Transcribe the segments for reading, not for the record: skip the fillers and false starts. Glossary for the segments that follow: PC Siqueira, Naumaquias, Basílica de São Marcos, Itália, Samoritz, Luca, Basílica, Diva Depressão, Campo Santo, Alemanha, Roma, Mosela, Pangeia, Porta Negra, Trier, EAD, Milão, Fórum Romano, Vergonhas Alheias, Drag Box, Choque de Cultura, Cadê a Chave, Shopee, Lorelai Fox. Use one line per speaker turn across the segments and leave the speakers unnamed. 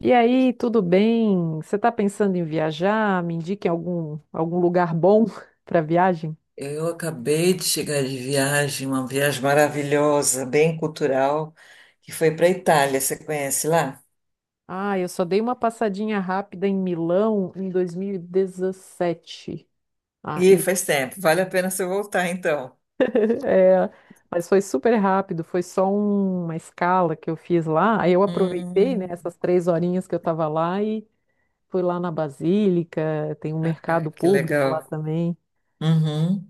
E aí, tudo bem? Você está pensando em viajar? Me indique algum lugar bom para viagem?
Eu acabei de chegar de viagem, uma viagem maravilhosa, bem cultural, que foi para a Itália. Você conhece lá?
Ah, eu só dei uma passadinha rápida em Milão em 2017. Ah,
Ih,
e,
faz tempo. Vale a pena você voltar, então.
é, mas foi super rápido, foi só uma escala que eu fiz lá. Aí eu aproveitei, né,
Hum,
essas três horinhas que eu estava lá e fui lá na Basílica, tem um mercado
ai, que
público lá
legal.
também.
Uhum.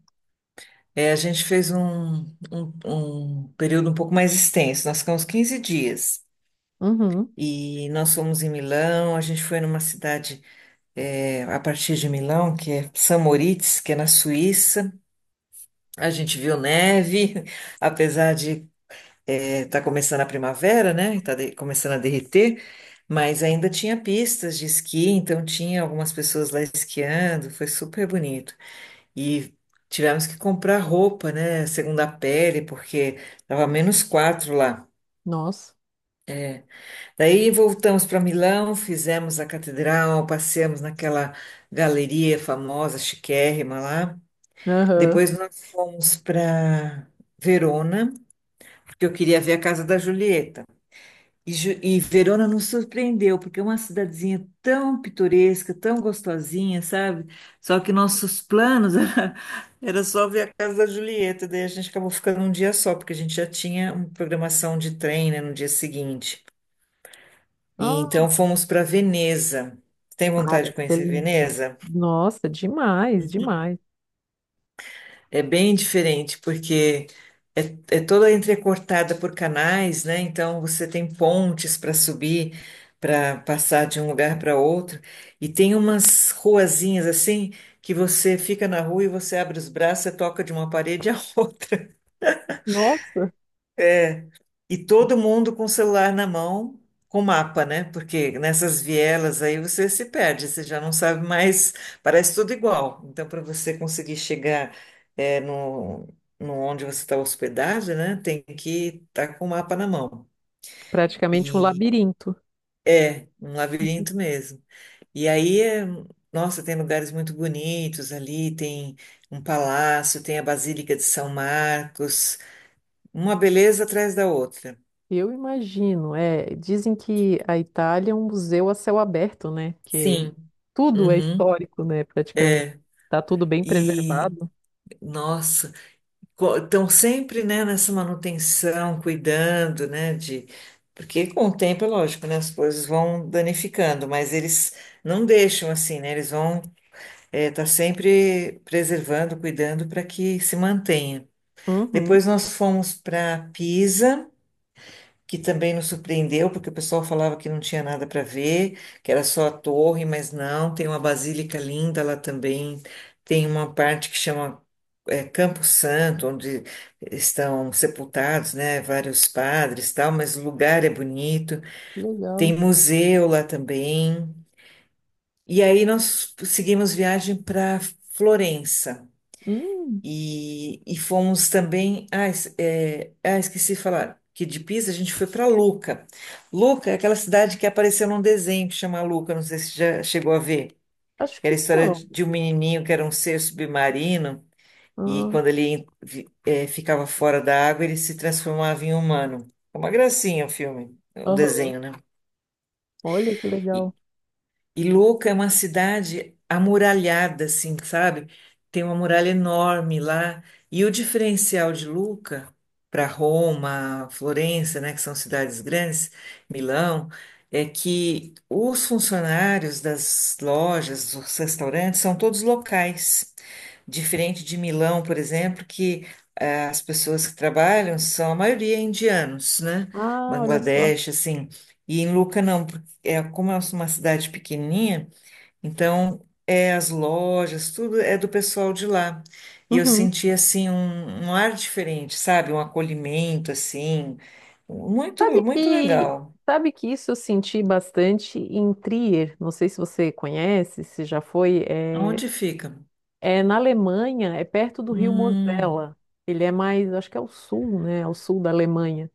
É, a gente fez um período um pouco mais extenso. Nós ficamos 15 dias.
Uhum,
E nós fomos em Milão, a gente foi numa cidade a partir de Milão, que é Samoritz, que é na Suíça. A gente viu neve, apesar de está começando a primavera, né? Está começando a derreter, mas ainda tinha pistas de esqui, então tinha algumas pessoas lá esquiando, foi super bonito. E tivemos que comprar roupa, né? Segunda pele, porque estava -4 lá.
nossa.
Daí voltamos para Milão, fizemos a catedral, passeamos naquela galeria famosa, chiquérrima lá.
Aham.
Depois nós fomos para Verona, porque eu queria ver a casa da Julieta. E Verona nos surpreendeu, porque é uma cidadezinha tão pitoresca, tão gostosinha, sabe? Só que nossos planos era só ver a casa da Julieta, daí a gente acabou ficando um dia só, porque a gente já tinha uma programação de trem, né, no dia seguinte. E
Ah,
então fomos para Veneza. Tem
ah,
vontade de
deve ser
conhecer
lindo.
Veneza?
Nossa, demais, demais.
É bem diferente, porque é, é toda entrecortada por canais, né? Então você tem pontes para subir, para passar de um lugar para outro. E tem umas ruazinhas assim que você fica na rua e você abre os braços, você toca de uma parede à outra.
Nossa,
E todo mundo com o celular na mão, com mapa, né? Porque nessas vielas aí você se perde, você já não sabe mais, parece tudo igual. Então, para você conseguir chegar eh, no, no onde você está hospedado, né? Tem que estar com o mapa na mão.
praticamente um
E
labirinto.
é um labirinto mesmo. E aí, nossa, tem lugares muito bonitos ali, tem um palácio, tem a Basílica de São Marcos, uma beleza atrás da outra.
Eu imagino, é, dizem que a Itália é um museu a céu aberto, né? Que
Sim.
tudo é
Uhum.
histórico, né, praticamente. Tá tudo bem
E,
preservado.
nossa, estão sempre, né, nessa manutenção, cuidando, né, de. Porque com o tempo, é lógico, né, as coisas vão danificando, mas eles não deixam assim, né, eles vão estar sempre preservando, cuidando para que se mantenha.
Uhum,
Depois nós fomos para Pisa, que também nos surpreendeu, porque o pessoal falava que não tinha nada para ver, que era só a torre, mas não, tem uma basílica linda lá também, tem uma parte que chama Campo Santo, onde estão sepultados, né, vários padres e tal, mas o lugar é bonito, tem
legal.
museu lá também. E aí nós seguimos viagem para Florença.
Hum,
E fomos também. Ah, esqueci de falar que de Pisa a gente foi para Luca. Luca é aquela cidade que apareceu num desenho que chama Luca, não sei se já chegou a ver.
acho
Era
que
a história
não.
de um menininho que era um ser submarino e
Ah,
quando ele ficava fora da água ele se transformava em humano. É uma gracinha o filme, o
aham.
desenho, né?
Olha que legal.
E Luca é uma cidade amuralhada, assim, sabe? Tem uma muralha enorme lá. E o diferencial de Luca para Roma, Florença, né, que são cidades grandes, Milão, é que os funcionários das lojas, dos restaurantes, são todos locais. Diferente de Milão, por exemplo, que as pessoas que trabalham são a maioria indianos, né?
Ah, olha só.
Bangladesh, assim. E em Luca não, é como é uma cidade pequenininha, então é as lojas, tudo é do pessoal de lá. E eu
Uhum.
senti assim um, um ar diferente, sabe? Um acolhimento assim, muito
Sabe
muito
que,
legal.
sabe que isso eu senti bastante em Trier, não sei se você conhece, se já foi, é,
Aonde fica?
é na Alemanha, é perto do rio
Hum,
Mosela. Ele é mais, acho que é o sul, né? Ao sul da Alemanha.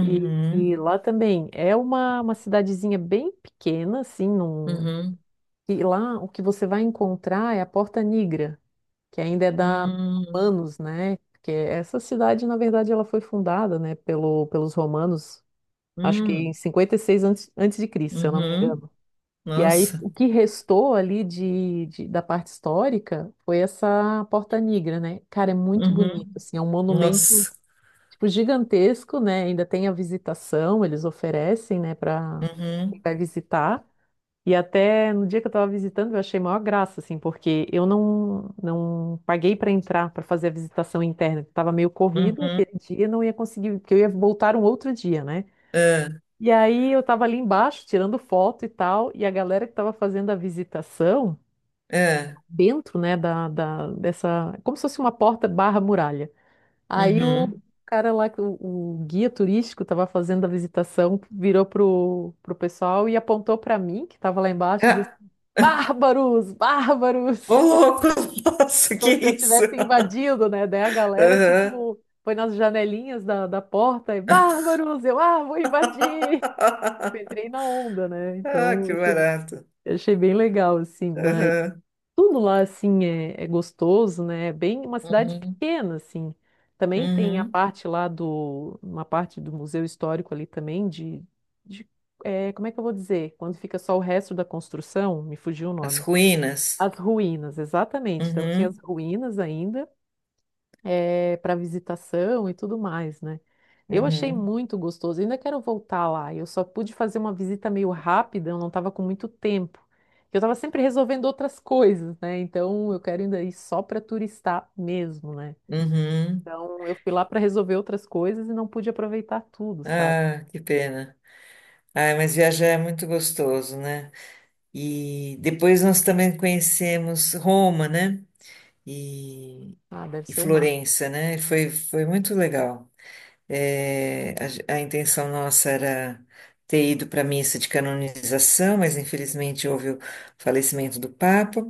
E lá também é uma cidadezinha bem pequena, assim, num,
uhum,
e lá o que você vai encontrar é a Porta Negra, que ainda é da
hum,
romanos, né? Porque essa cidade, na verdade, ela foi fundada, né, pelos romanos acho que em
hum,
56 antes de Cristo, se eu não me
uhum,
engano. E aí
nossa,
o que restou ali da parte histórica foi essa Porta Negra, né? Cara, é muito bonito,
uhum,
assim, é um monumento
nossa,
tipo gigantesco, né? Ainda tem a visitação, eles oferecem, né, para quem
uhum,
vai visitar. E até no dia que eu estava visitando, eu achei maior graça, assim, porque eu não paguei para entrar, para fazer a visitação interna. Que estava meio corrida
uhum,
aquele dia, não ia conseguir, porque eu ia voltar um outro dia, né?
é,
E aí eu tava ali embaixo tirando foto e tal, e a galera que tava fazendo a visitação,
é,
dentro, né, dessa, como se fosse uma porta barra muralha. Aí o
uhum.
cara lá, que o guia turístico tava fazendo a visitação, virou pro pessoal e apontou pra mim, que tava lá embaixo, e disse,
Ah,
bárbaros, bárbaros,
ô louco, nossa, que
como se eu
isso?
tivesse invadido, né, daí a galera,
Aham.
tipo, foi nas janelinhas da porta e, bárbaros, eu, ah, vou invadir! Tipo, entrei na onda, né?
Ah,
Então,
que barato.
eu achei bem legal, assim, mas
Aham.
tudo lá, assim, é, é gostoso, né? É bem uma cidade
Uhum.
pequena, assim. Também tem a
Uhum.
parte lá do, uma parte do Museu Histórico ali também, de é, como é que eu vou dizer? Quando fica só o resto da construção, me fugiu o
As
nome.
ruínas.
As ruínas, exatamente. Então tinha as
Uhum.
ruínas ainda, para visitação e tudo mais, né? Eu achei
Uhum.
muito gostoso. Ainda quero voltar lá. Eu só pude fazer uma visita meio rápida, eu não estava com muito tempo. Eu estava sempre resolvendo outras coisas, né? Então eu quero ainda ir só para turistar mesmo, né?
Uhum.
Então eu fui lá para resolver outras coisas e não pude aproveitar tudo, sabe?
Ah, que pena. Ah, mas viajar é muito gostoso, né? E depois nós também conhecemos Roma, né? E,
Ah, deve
e
ser o mar.
Florença, né? Foi, foi muito legal. É, a, ge- a intenção nossa era ter ido para a missa de canonização, mas infelizmente houve o falecimento do Papa.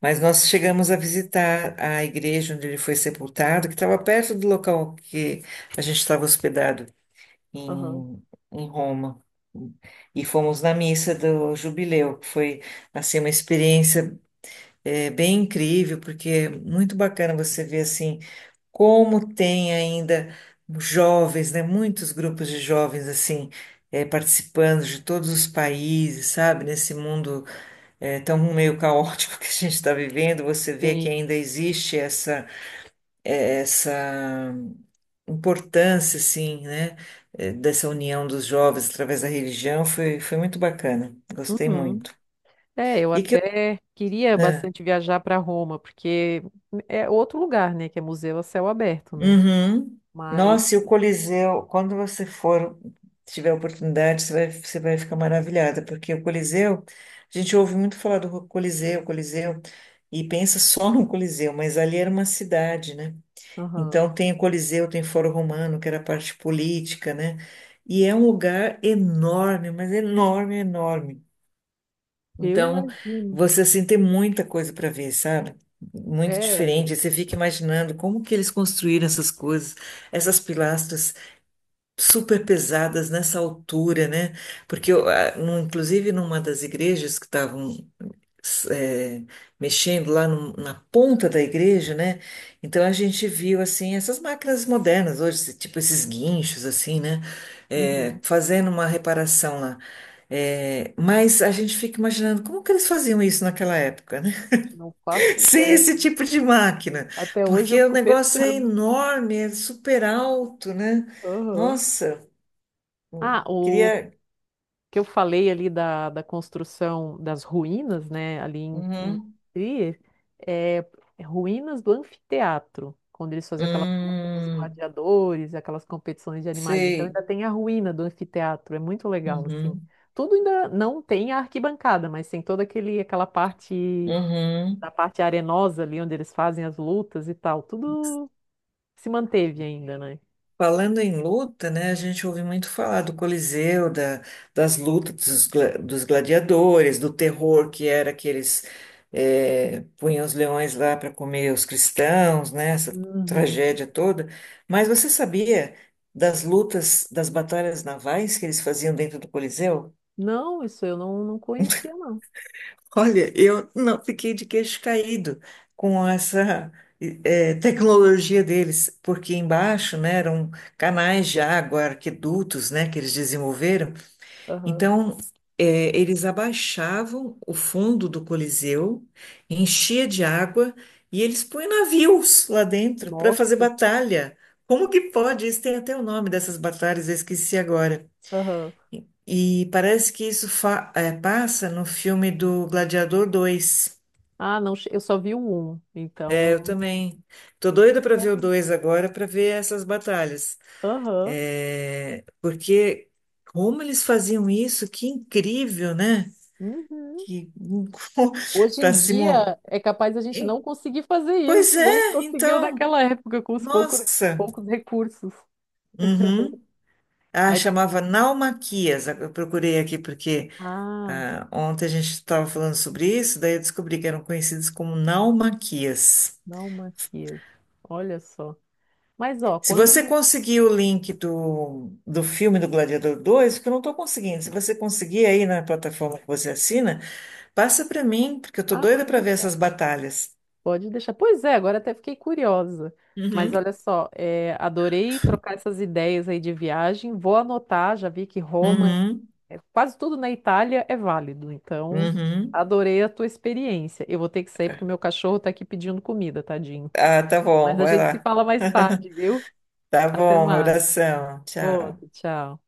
Mas nós chegamos a visitar a igreja onde ele foi sepultado, que estava perto do local que a gente estava hospedado
Aham.
em, em Roma. E fomos na missa do Jubileu, que foi assim uma experiência bem incrível, porque é muito bacana você ver assim como tem ainda jovens, né? Muitos grupos de jovens assim participando de todos os países, sabe? Nesse mundo tão meio caótico que a gente está vivendo, você vê que
Sim.
ainda existe essa essa importância, assim, né? Dessa união dos jovens através da religião foi, foi muito bacana, gostei
Uhum.
muito.
É, eu
E que,
até queria bastante viajar para Roma, porque é outro lugar, né, que é museu a céu aberto, né?
uhum.
Mas
Nossa, e o Coliseu, quando você for, tiver a oportunidade, você vai ficar maravilhada, porque o Coliseu, a gente ouve muito falar do Coliseu, Coliseu, e pensa só no Coliseu, mas ali era uma cidade, né?
aham.
Então tem o Coliseu, tem o Fórum Romano, que era a parte política, né? E é um lugar enorme, mas enorme, enorme.
Eu
Então,
imagino.
você assim tem muita coisa para ver, sabe? Muito
É,
diferente. Você fica imaginando como que eles construíram essas coisas, essas pilastras super pesadas nessa altura, né? Porque eu, ah, inclusive numa das igrejas que estavam s- eh, mexendo lá na ponta da igreja, né? Então a gente viu assim essas máquinas modernas hoje, tipo esses guinchos assim, né?
uhum.
Fazendo uma reparação lá. Mas a gente fica imaginando como que eles faziam isso naquela época, né?
Não faço
Sem esse
ideia.
tipo de máquina,
Até hoje eu
porque o
fico
negócio é
pensando.
enorme, é super alto, né?
Aham.
Nossa, eu
Ah, o
queria.
que eu falei ali da construção das ruínas, né, ali em
Uhum.
Trier, é é ruínas do anfiteatro, quando eles faziam aquela luta dos
Hum,
gladiadores, aquelas competições de animais. Então
sei.
ainda tem a ruína do anfiteatro, é muito legal, assim.
Uhum.
Tudo ainda não tem a arquibancada, mas tem toda aquela parte.
Uhum.
Da parte arenosa ali, onde eles fazem as lutas e tal, tudo se manteve ainda, né?
Falando em luta, né, a gente ouve muito falar do Coliseu, da, das lutas dos gladiadores, do terror que era que eles punham os leões lá para comer os cristãos, né, essa
Uhum.
tragédia toda. Mas você sabia das lutas, das batalhas navais que eles faziam dentro do Coliseu?
Não, isso eu não conhecia, não.
Olha, eu não fiquei de queixo caído com essa tecnologia deles, porque embaixo, né, eram canais de água, arquedutos, né, que eles desenvolveram.
Aham.
Então, eles abaixavam o fundo do Coliseu, enchia de água e eles põem navios lá dentro para fazer
Nossa.
batalha. Como que pode? Isso tem até o nome dessas batalhas, eu esqueci agora.
Aham.
E parece que isso passa no filme do Gladiador 2.
Ah, não, eu só vi o um,
É, eu
então.
também. Tô
Que
doida para ver o
legal.
2 agora, para ver essas batalhas.
Aham.
É, porque como eles faziam isso, que incrível, né?
Uhum.
Que
Hoje
tá
em
simulando.
dia é capaz a gente não conseguir fazer isso.
Pois
E ele
é,
conseguiu
então,
naquela época com os poucos,
nossa.
poucos recursos.
Uhum. Ah,
Mas,
chamava Naumaquias. Eu procurei aqui porque
ah,
ah, ontem a gente estava falando sobre isso, daí eu descobri que eram conhecidos como naumaquias.
não, Maquias. Olha só. Mas, ó,
Se você
quando.
conseguir o link do, do filme do Gladiador 2, que eu não estou conseguindo, se você conseguir aí na plataforma que você assina, passa para mim, porque eu estou
Ah,
doida
pode
para ver
deixar.
essas batalhas.
Pode deixar. Pois é, agora até fiquei curiosa. Mas
Uhum.
olha só, é, adorei trocar essas ideias aí de viagem. Vou anotar, já vi que Roma,
Uhum,
é, quase tudo na Itália é válido. Então,
uhum.
adorei a tua experiência. Eu vou ter que sair porque o meu cachorro tá aqui pedindo comida, tadinho.
Ah, tá bom,
Mas a
vai
gente se
lá.
fala mais tarde, viu?
Tá
Até
bom,
mais.
abração, tchau.
Outro, tchau.